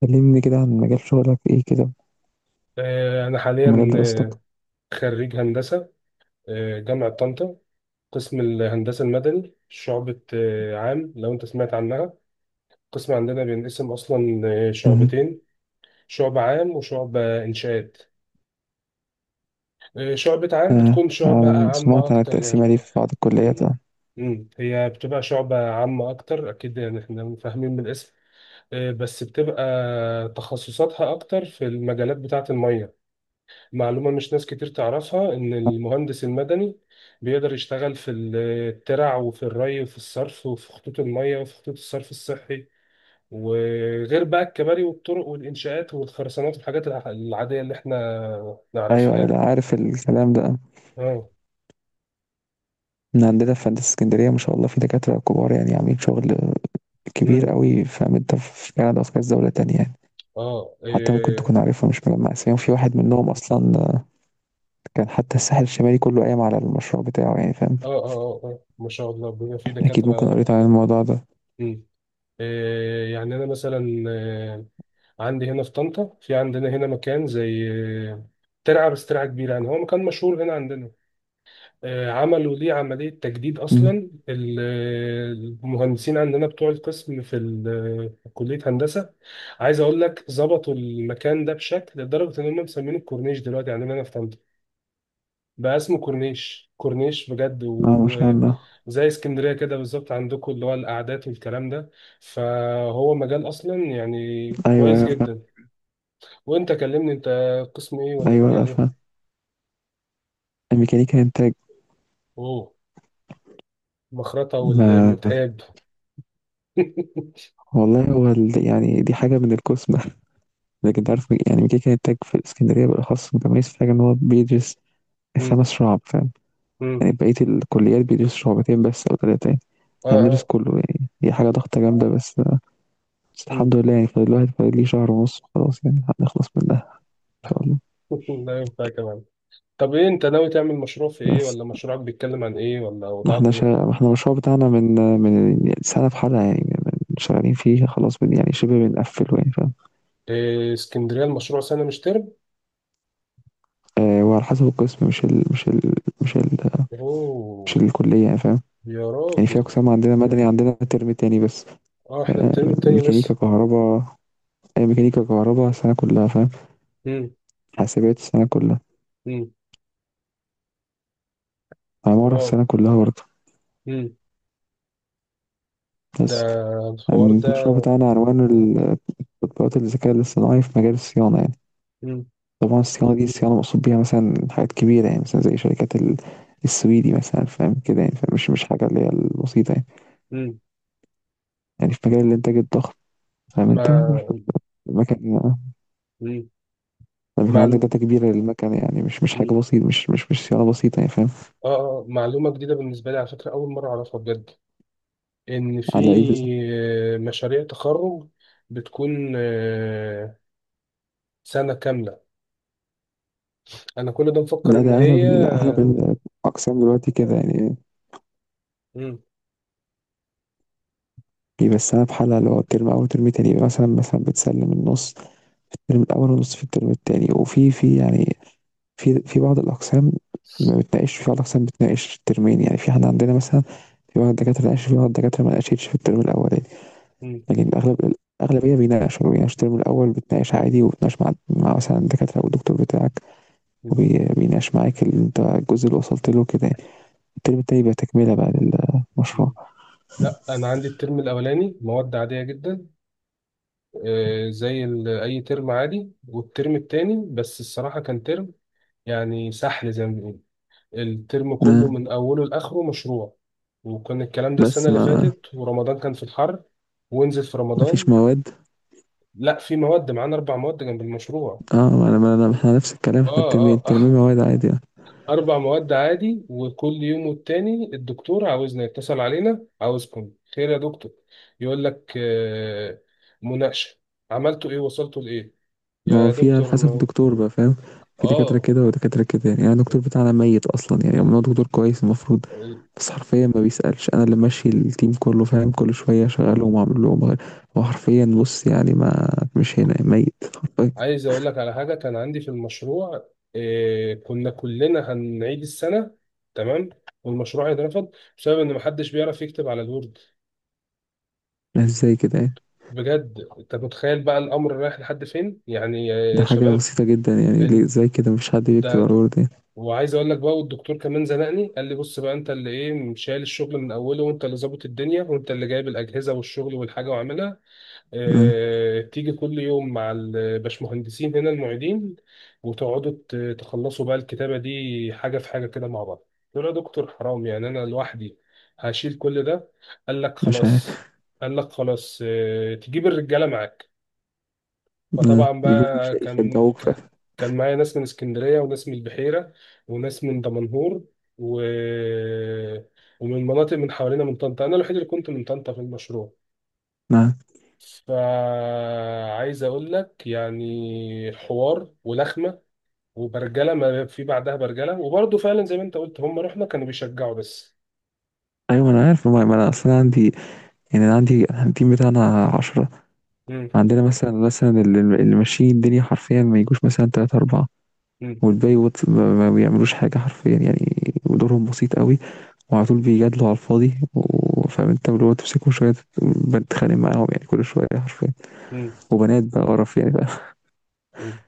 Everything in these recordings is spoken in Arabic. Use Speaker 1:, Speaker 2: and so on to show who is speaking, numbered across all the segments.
Speaker 1: كلمني كده عن مجال شغلك ايه كده،
Speaker 2: أنا
Speaker 1: ومجال
Speaker 2: حاليا
Speaker 1: دراستك.
Speaker 2: خريج هندسة جامعة طنطا، قسم الهندسة المدني، شعبة عام لو أنت سمعت عنها. قسم عندنا بينقسم أصلا
Speaker 1: مهم.
Speaker 2: شعبتين، شعبة عام وشعبة إنشاءات. شعبة عام
Speaker 1: آه.
Speaker 2: بتكون شعبة
Speaker 1: آه.
Speaker 2: عامة
Speaker 1: سمعت عن
Speaker 2: أكتر
Speaker 1: التقسيمة دي
Speaker 2: يعني.
Speaker 1: في بعض الكليات، آه.
Speaker 2: مم. هي بتبقى شعبة عامة أكتر، أكيد يعني إحنا فاهمين من الاسم. بس بتبقى تخصصاتها أكتر في المجالات بتاعة المية. معلومة مش ناس كتير تعرفها، إن المهندس المدني بيقدر يشتغل في الترع وفي الري وفي الصرف وفي خطوط المية وفي خطوط الصرف الصحي، وغير بقى الكباري والطرق والإنشاءات والخرسانات والحاجات العادية اللي إحنا
Speaker 1: ايوه،
Speaker 2: نعرفها
Speaker 1: ايوه،
Speaker 2: يعني.
Speaker 1: لا، عارف الكلام ده
Speaker 2: آه.
Speaker 1: من عندنا في هندسة اسكندرية، ما شاء الله في دكاترة كبار، يعني عاملين شغل كبير
Speaker 2: مم.
Speaker 1: قوي، فاهم انت؟ في كندا وفي كذا دولة تانية يعني.
Speaker 2: آه.
Speaker 1: حتى ممكن
Speaker 2: إيه.
Speaker 1: تكون عارفهم، مش مجمع اساميهم في واحد منهم اصلا. آه، كان حتى الساحل الشمالي كله قايم على المشروع بتاعه، يعني فاهم.
Speaker 2: آه، آه. آه، آه، ما شاء الله بيبقى في
Speaker 1: اكيد، ممكن
Speaker 2: دكاترة.
Speaker 1: قريت عن الموضوع ده.
Speaker 2: مم. إيه. يعني أنا مثلا عندي هنا في طنطا، في عندنا هنا مكان زي ترعة، بس ترعة كبيرة يعني، هو مكان مشهور هنا عندنا. عملوا ليه عملية تجديد
Speaker 1: مم.
Speaker 2: أصلا. المهندسين عندنا بتوع القسم في كلية هندسة، عايز أقول لك، ظبطوا المكان ده بشكل لدرجة إن هم مسمينه الكورنيش دلوقتي عندنا أنا في طنطا. بقى اسمه كورنيش كورنيش بجد،
Speaker 1: اه، ما شاء الله.
Speaker 2: وزي اسكندرية كده بالظبط عندكم، اللي هو القعدات والكلام ده. فهو مجال أصلا يعني
Speaker 1: ايوه،
Speaker 2: كويس
Speaker 1: ايوه، فاهم.
Speaker 2: جدا. وأنت كلمني، أنت قسم إيه ولا
Speaker 1: ايوه، لا،
Speaker 2: مجال
Speaker 1: فاهم.
Speaker 2: إيه؟
Speaker 1: الميكانيكا انتاج.
Speaker 2: أوه. مخرطة
Speaker 1: ما
Speaker 2: والمتقاب.
Speaker 1: والله هو يعني دي حاجة من القسمة. لكن انت عارف، يعني ميكي كان التاج في الإسكندرية بالأخص متميز في حاجة إن هو بيدرس
Speaker 2: مم.
Speaker 1: خمس شعب، فاهم.
Speaker 2: مم.
Speaker 1: يعني بقية الكليات بيدرس شعبتين بس أو تلاتة يعني.
Speaker 2: اه،
Speaker 1: احنا بندرس
Speaker 2: اه.
Speaker 1: كله، يعني هي حاجة ضغطة جامدة بس. بس
Speaker 2: مم.
Speaker 1: الحمد لله، يعني فاضل الواحد، فاضل ليه شهر ونص، خلاص يعني هنخلص منها. إن شاء الله.
Speaker 2: لا، ينفع كمان. طب ايه، انت ناوي تعمل مشروع في ايه،
Speaker 1: بس،
Speaker 2: ولا مشروعك بيتكلم عن ايه، ولا وضعك ايه؟
Speaker 1: ما احنا المشروع بتاعنا من سنة في حالها يعني، شغالين فيه خلاص، يعني شبه بنقفله يعني فاهم.
Speaker 2: إيه، اسكندرية المشروع سنة مش ترم؟
Speaker 1: آه، وعلى حسب القسم مش ال... مش
Speaker 2: اوه.
Speaker 1: الكلية يعني فاهم.
Speaker 2: يا
Speaker 1: يعني في
Speaker 2: راجل.
Speaker 1: أقسام عندنا، مدني عندنا ترم تاني بس.
Speaker 2: اه، احنا
Speaker 1: آه،
Speaker 2: الترم التاني
Speaker 1: ميكانيكا
Speaker 2: بس.
Speaker 1: كهرباء. ميكانيكا كهرباء السنة كلها فاهم.
Speaker 2: مم.
Speaker 1: حاسبات السنة كلها.
Speaker 2: مم.
Speaker 1: عمارة
Speaker 2: واو.
Speaker 1: السنة كلها برضه.
Speaker 2: مم. ده
Speaker 1: بس
Speaker 2: الحوار
Speaker 1: يعني
Speaker 2: ده.
Speaker 1: المشروع بتاعنا عنوانه تطبيقات الذكاء الاصطناعي في مجال الصيانة يعني.
Speaker 2: مم.
Speaker 1: طبعا الصيانة دي، الصيانة مقصود بيها مثلا حاجات كبيرة، يعني مثلا زي شركات السويدي مثلا، فاهم كده يعني. فمش مش مش حاجة اللي هي البسيطة يعني.
Speaker 2: مم.
Speaker 1: يعني في مجال الإنتاج الضخم، فاهم أنت.
Speaker 2: ما.
Speaker 1: المكن
Speaker 2: مم.
Speaker 1: لما يكون عندك
Speaker 2: معلو...
Speaker 1: داتا كبيرة للمكن، يعني مش حاجة
Speaker 2: مم.
Speaker 1: بسيطة، مش صيانة بسيطة يعني فاهم.
Speaker 2: اه، معلومة جديدة بالنسبة لي على فكرة، أول مرة أعرفها بجد، إن في
Speaker 1: على إيه بالظبط؟
Speaker 2: مشاريع تخرج بتكون سنة كاملة. أنا كل ده مفكر
Speaker 1: لا،
Speaker 2: إن
Speaker 1: ده
Speaker 2: هي.
Speaker 1: أغلب الأقسام دلوقتي كده يعني.
Speaker 2: مم.
Speaker 1: بيبقى في حالة اللي هو الترم أول وترم تاني، يبقى مثلا بتسلم النص في الترم الأول، والنص في الترم التاني، وفي يعني في بعض الأقسام ما بتناقش، في بعض الأقسام بتناقش الترمين يعني، في احنا عندنا مثلا، في بعض الدكاترة ناقش، في بعض الدكاترة ما ناقشتش في الترم الأولاني.
Speaker 2: مم.
Speaker 1: لكن الأغلبية بيناقش الترم الأول، بتناقش عادي، وبتناقش مع مثلا الدكاترة أو الدكتور بتاعك.
Speaker 2: مم.
Speaker 1: وبيناقش معاك اللي أنت الجزء اللي وصلت له كده يعني. الترم التاني بقى تكملة بقى للمشروع.
Speaker 2: مم. لا، أنا عندي الترم الأولاني مواد عادية جدا، زي أي ترم عادي. والترم التاني بس الصراحة كان ترم، يعني سحل زي ما بيقولوا، الترم كله
Speaker 1: آه،
Speaker 2: من أوله لآخره مشروع. وكان الكلام ده السنة
Speaker 1: بس
Speaker 2: اللي
Speaker 1: ما
Speaker 2: فاتت، ورمضان كان في الحر، ونزل في
Speaker 1: ما فيش
Speaker 2: رمضان.
Speaker 1: مواد.
Speaker 2: لا، في مواد معانا، أربع مواد جنب المشروع.
Speaker 1: اه، ما انا احنا نفس الكلام،
Speaker 2: آه،
Speaker 1: احنا الترمي
Speaker 2: آه،
Speaker 1: الترمي
Speaker 2: آه.
Speaker 1: مواد عادي يعني.
Speaker 2: أربع مواد عادي، وكل يوم والتاني الدكتور عاوزنا يتصل علينا، عاوزكم خير يا دكتور؟ يقول لك مناقشة، عملتوا إيه، وصلتوا لإيه.
Speaker 1: ما هو
Speaker 2: يا
Speaker 1: في على
Speaker 2: دكتور
Speaker 1: حسب الدكتور بقى، فاهم. في دكاترة
Speaker 2: آه،
Speaker 1: كده ودكاترة كده يعني، يعني الدكتور بتاعنا ميت أصلا، يعني هو دكتور كويس المفروض. بس حرفيا ما بيسألش، أنا اللي ماشي التيم كله فاهم، كل شوية شغالهم وأعمل لهم وأغير. هو حرفيا بص يعني، ما مش هنا ميت حرفيا.
Speaker 2: عايز أقول لك على حاجة كان عندي في المشروع. كنا كلنا هنعيد السنة، تمام، والمشروع هيترفض، بسبب إن محدش بيعرف يكتب على الوورد.
Speaker 1: ازاي كده يعني؟
Speaker 2: بجد أنت متخيل بقى الأمر رايح لحد فين يعني
Speaker 1: ده
Speaker 2: يا
Speaker 1: حاجة
Speaker 2: شباب؟
Speaker 1: بسيطة جدا يعني، ليه
Speaker 2: أنت،
Speaker 1: ازاي كده مفيش حد بيكتب على الورد يعني؟
Speaker 2: وعايز اقول لك بقى، والدكتور كمان زنقني قال لي، بص بقى انت اللي ايه شايل الشغل من اوله، وانت اللي ظابط الدنيا، وانت اللي جايب الاجهزه والشغل والحاجه وعاملها.
Speaker 1: آه،
Speaker 2: اه، تيجي كل يوم مع الباشمهندسين هنا المعيدين، وتقعدوا تخلصوا بقى الكتابه دي حاجه في حاجه كده مع بعض. قلت له يا دكتور، حرام يعني، انا لوحدي هشيل كل ده. قال لك
Speaker 1: مش عارف.
Speaker 2: خلاص قال لك خلاص، اه، تجيب الرجاله معاك. فطبعا
Speaker 1: بيجوا مش
Speaker 2: بقى كان
Speaker 1: يشجعوك ف
Speaker 2: كان معايا ناس من اسكندرية وناس من البحيرة وناس من دمنهور و... ومن مناطق من حوالينا من طنطا. أنا الوحيد اللي كنت من طنطا في المشروع.
Speaker 1: ما.
Speaker 2: فعايز أقول لك، يعني حوار ولخمة وبرجلة ما في بعدها برجلة. وبرضه فعلا زي ما أنت قلت، هم رحنا كانوا بيشجعوا بس.
Speaker 1: ايوه انا عارف، ما انا اصلا عندي. يعني انا عندي، أنا التيم بتاعنا 10.
Speaker 2: مم.
Speaker 1: عندنا مثلا اللي ماشيين الدنيا حرفيا ما يجوش مثلا 3 4.
Speaker 2: مم.
Speaker 1: والباقي ما بيعملوش حاجه حرفيا يعني. ودورهم بسيط قوي. وعلى طول بيجادلوا على الفاضي فاهم انت، اللي هو تمسكهم شويه بتخانق معاهم يعني كل شويه حرفيا.
Speaker 2: مم.
Speaker 1: وبنات بقى قرف يعني بقى.
Speaker 2: مم.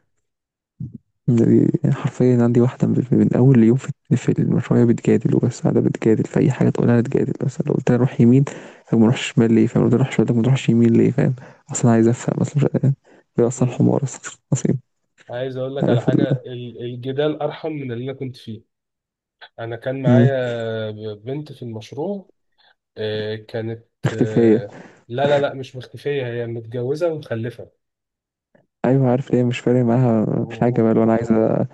Speaker 1: حرفيا عندي واحدة من أول يوم في المشروع، هي بتجادل وبس، قاعدة بتجادل في أي حاجة تقولها تجادل، بس لو قلت لها روح يمين، طب ما نروحش شمال ليه؟ فاهم، لو قلت لها روح شمال، طب ما نروحش يمين ليه؟ فاهم. أصلا عايز أفهم، أصلا مش، هي أصلا
Speaker 2: مم.
Speaker 1: حمار أصلا أصيل.
Speaker 2: عايز أقول لك على
Speaker 1: عارف
Speaker 2: حاجة، الجدال أرحم من اللي أنا كنت فيه. انا كان
Speaker 1: مم.
Speaker 2: معايا بنت في المشروع، كانت
Speaker 1: اختفية.
Speaker 2: آه، لا، لا، لا، مش مختفية، هي متجوزة ومخلفة.
Speaker 1: أيوة، عارف ليه مش فارق معاها حاجة بقى، لو أنا عايزة،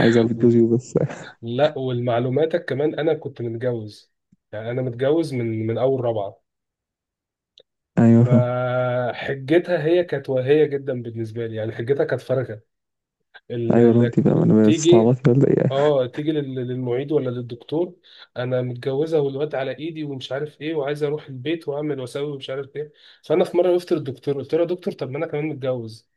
Speaker 1: عايزة أبيض جوزي وبس.
Speaker 2: لا، والمعلوماتك كمان انا كنت متجوز. يعني انا متجوز من اول رابعة.
Speaker 1: أيوة، فاهم.
Speaker 2: فحجتها، هي كانت واهية جدا بالنسبة لي، يعني حجتها كانت فارغة.
Speaker 1: أيوة، لو
Speaker 2: اللي
Speaker 1: أنت بقى، أنا
Speaker 2: تيجي،
Speaker 1: بتستعبطي ولا إيه؟
Speaker 2: اه تيجي للمعيد ولا للدكتور، انا متجوزه والواد على ايدي ومش عارف ايه، وعايزه اروح البيت واعمل واسوي ومش عارف ايه. فانا في مره وقفت للدكتور، قلت له يا دكتور، طب ما انا كمان متجوز.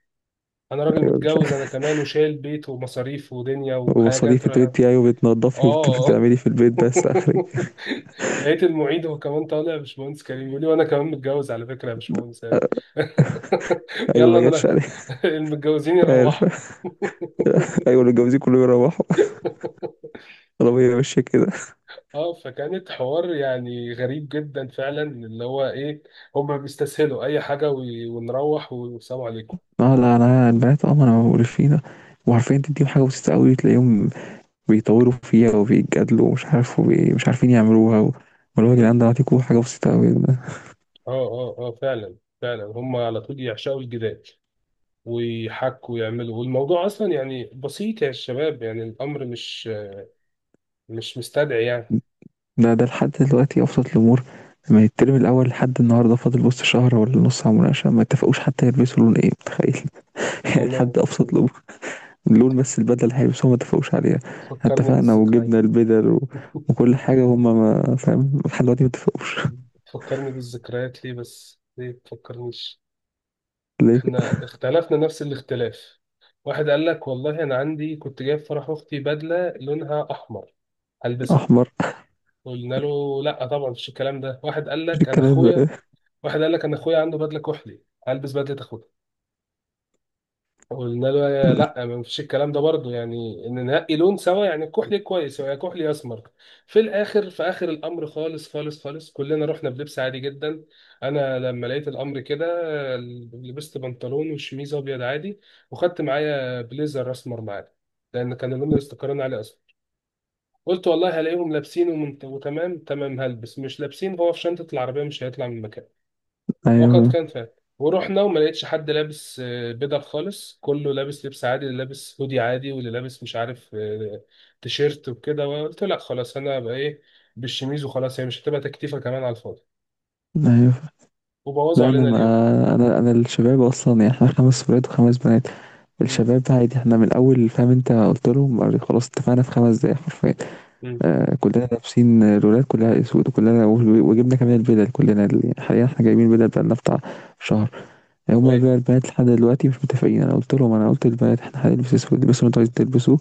Speaker 2: انا راجل
Speaker 1: أيوة مش،
Speaker 2: متجوز انا كمان، وشايل بيت ومصاريف ودنيا وحاجات
Speaker 1: ومصاريف أنت
Speaker 2: راها.
Speaker 1: بنتي، أيوة بتنضفي
Speaker 2: اه.
Speaker 1: وبتعملي في البيت بس آخري.
Speaker 2: لقيت المعيد هو كمان طالع، يا باشمهندس كريم يقول لي، وانا كمان متجوز على فكره يا باشمهندس يعني.
Speaker 1: أيوة،
Speaker 2: يلا
Speaker 1: ما جاتش
Speaker 2: انا.
Speaker 1: عليك.
Speaker 2: المتجوزين
Speaker 1: عارف.
Speaker 2: يروحوا.
Speaker 1: أيوه، اللي متجوزين كلهم يروحوا. العربية ماشية كده.
Speaker 2: اه، فكانت حوار يعني غريب جدا فعلا، اللي هو ايه، هما بيستسهلوا اي حاجه، ونروح والسلام عليكم.
Speaker 1: اه، لا، لا، البنات اه، ما انا بقول فيه ده. وعارفين تديهم حاجة بسيطة أوي تلاقيهم بيطوروا فيها وبيتجادلوا، ومش عارف، مش عارفين يعملوها و. واللي هو يا
Speaker 2: مم.
Speaker 1: جدعان، ده هتكون حاجة بسيطة أوي ده.
Speaker 2: اه، اه، اه، فعلا، فعلا هما على طول يعشقوا الجدال، ويحكوا ويعملوا، والموضوع اصلا يعني بسيط يا شباب، يعني الامر مش مستدعي يعني.
Speaker 1: ده لحد دلوقتي أبسط الأمور. من الترم الأول لحد النهاردة فاضل، بص شهر ولا نص على المناقشة، ما اتفقوش حتى يلبسوا لون إيه، متخيل. يعني
Speaker 2: تمام.
Speaker 1: لحد أبسط الأمور. اللون بس، البدلة اللي هيلبسوها ما اتفقوش عليها.
Speaker 2: تفكرني
Speaker 1: اتفقنا
Speaker 2: بالذكريات.
Speaker 1: وجبنا البدل و. وكل حاجة هما، ما فاهم لحد دلوقتي ما اتفقوش.
Speaker 2: تفكرني بالذكريات ليه بس، ليه تفكرنيش؟
Speaker 1: ليه كده؟
Speaker 2: احنا اختلفنا نفس الاختلاف. واحد قال لك، والله انا عندي كنت جايب فرح اختي بدله لونها احمر، هلبسها.
Speaker 1: احمر.
Speaker 2: قلنا له لا، طبعا مفيش الكلام ده.
Speaker 1: مش الكلام ده.
Speaker 2: واحد قال لك انا اخويا عنده بدله كحلي، هلبس بدله اخويا. قلنا له لا، ما فيش الكلام ده برضه، يعني ان ننقي لون سوا، يعني كحلي كويس، يا كحلي يا اسمر. في اخر الامر خالص خالص خالص، كلنا رحنا بلبس عادي جدا. انا لما لقيت الامر كده، آه، لبست بنطلون وشميز ابيض عادي، وخدت معايا بليزر اسمر معايا، لان كان اللون اللي استقرينا عليه اصلا. قلت والله هلاقيهم لابسين وتمام تمام هلبس، مش لابسين، هو في شنطة العربية مش هيطلع من مكانه. وقد
Speaker 1: ايوه،
Speaker 2: كان فعلا. ورحنا وما لقيتش حد لابس بدل خالص، كله لابس لبس عادي، اللي لابس هودي عادي، واللي لابس مش عارف تيشيرت وكده، وقلت لا خلاص، انا بقى ايه، بالشميز وخلاص، هي مش هتبقى تكتيفه كمان على الفاضي،
Speaker 1: ايوه،
Speaker 2: وبوظوا
Speaker 1: لا انا،
Speaker 2: علينا اليوم.
Speaker 1: ما انا انا الشباب اصلا يعني، احنا خمس ولاد وخمس بنات.
Speaker 2: امم.
Speaker 1: الشباب ده عادي، احنا من الاول فاهم انت، قلت لهم خلاص اتفقنا في 5 دقايق حرفيا.
Speaker 2: امم.
Speaker 1: كلنا لابسين، الولاد كلها اسود، وكلنا وجبنا كمان البدل كلنا يعني حاليا احنا جايبين بدل بقالنا بتاع شهر. يعني هما
Speaker 2: كويس.
Speaker 1: بقى البنات لحد دلوقتي مش متفقين، انا قلت لهم، انا قلت للبنات احنا هنلبس اسود، البسوا اللي انتوا عايزين تلبسوه.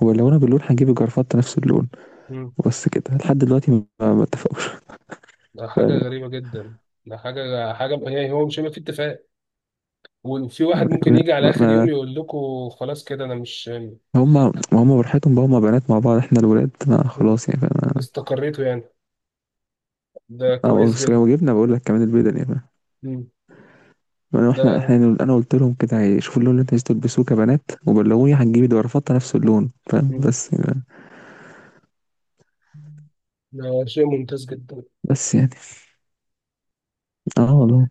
Speaker 1: ولو انا باللون هنجيب الجرافات نفس اللون.
Speaker 2: امم.
Speaker 1: وبس كده لحد دلوقتي ما اتفقوش.
Speaker 2: ده حاجه
Speaker 1: فاهم.
Speaker 2: غريبه جدا. ده حاجه يعني هو مش هيبقى في اتفاق، وفي واحد ممكن
Speaker 1: ما
Speaker 2: يجي على اخر يوم
Speaker 1: ما
Speaker 2: يقول لكم خلاص كده انا مش.
Speaker 1: هم ما هم براحتهم بقى، هم بنات مع بعض، احنا الولاد ما
Speaker 2: مم.
Speaker 1: خلاص يعني فانا.
Speaker 2: استقريتوا يعني، ده
Speaker 1: او،
Speaker 2: كويس
Speaker 1: بس
Speaker 2: جدا.
Speaker 1: لو جبنا بقول لك كمان البدل يعني، فاهم.
Speaker 2: مم.
Speaker 1: انا، احنا
Speaker 2: ده
Speaker 1: احنا انا قلت لهم كده شوفوا اللون اللي انتوا عايزين تلبسوه كبنات، وبلغوني. هتجيبي ده رفضت نفس اللون، فاهم، بس يعني.
Speaker 2: ده شيء ممتاز جدا.
Speaker 1: بس يعني، اه والله.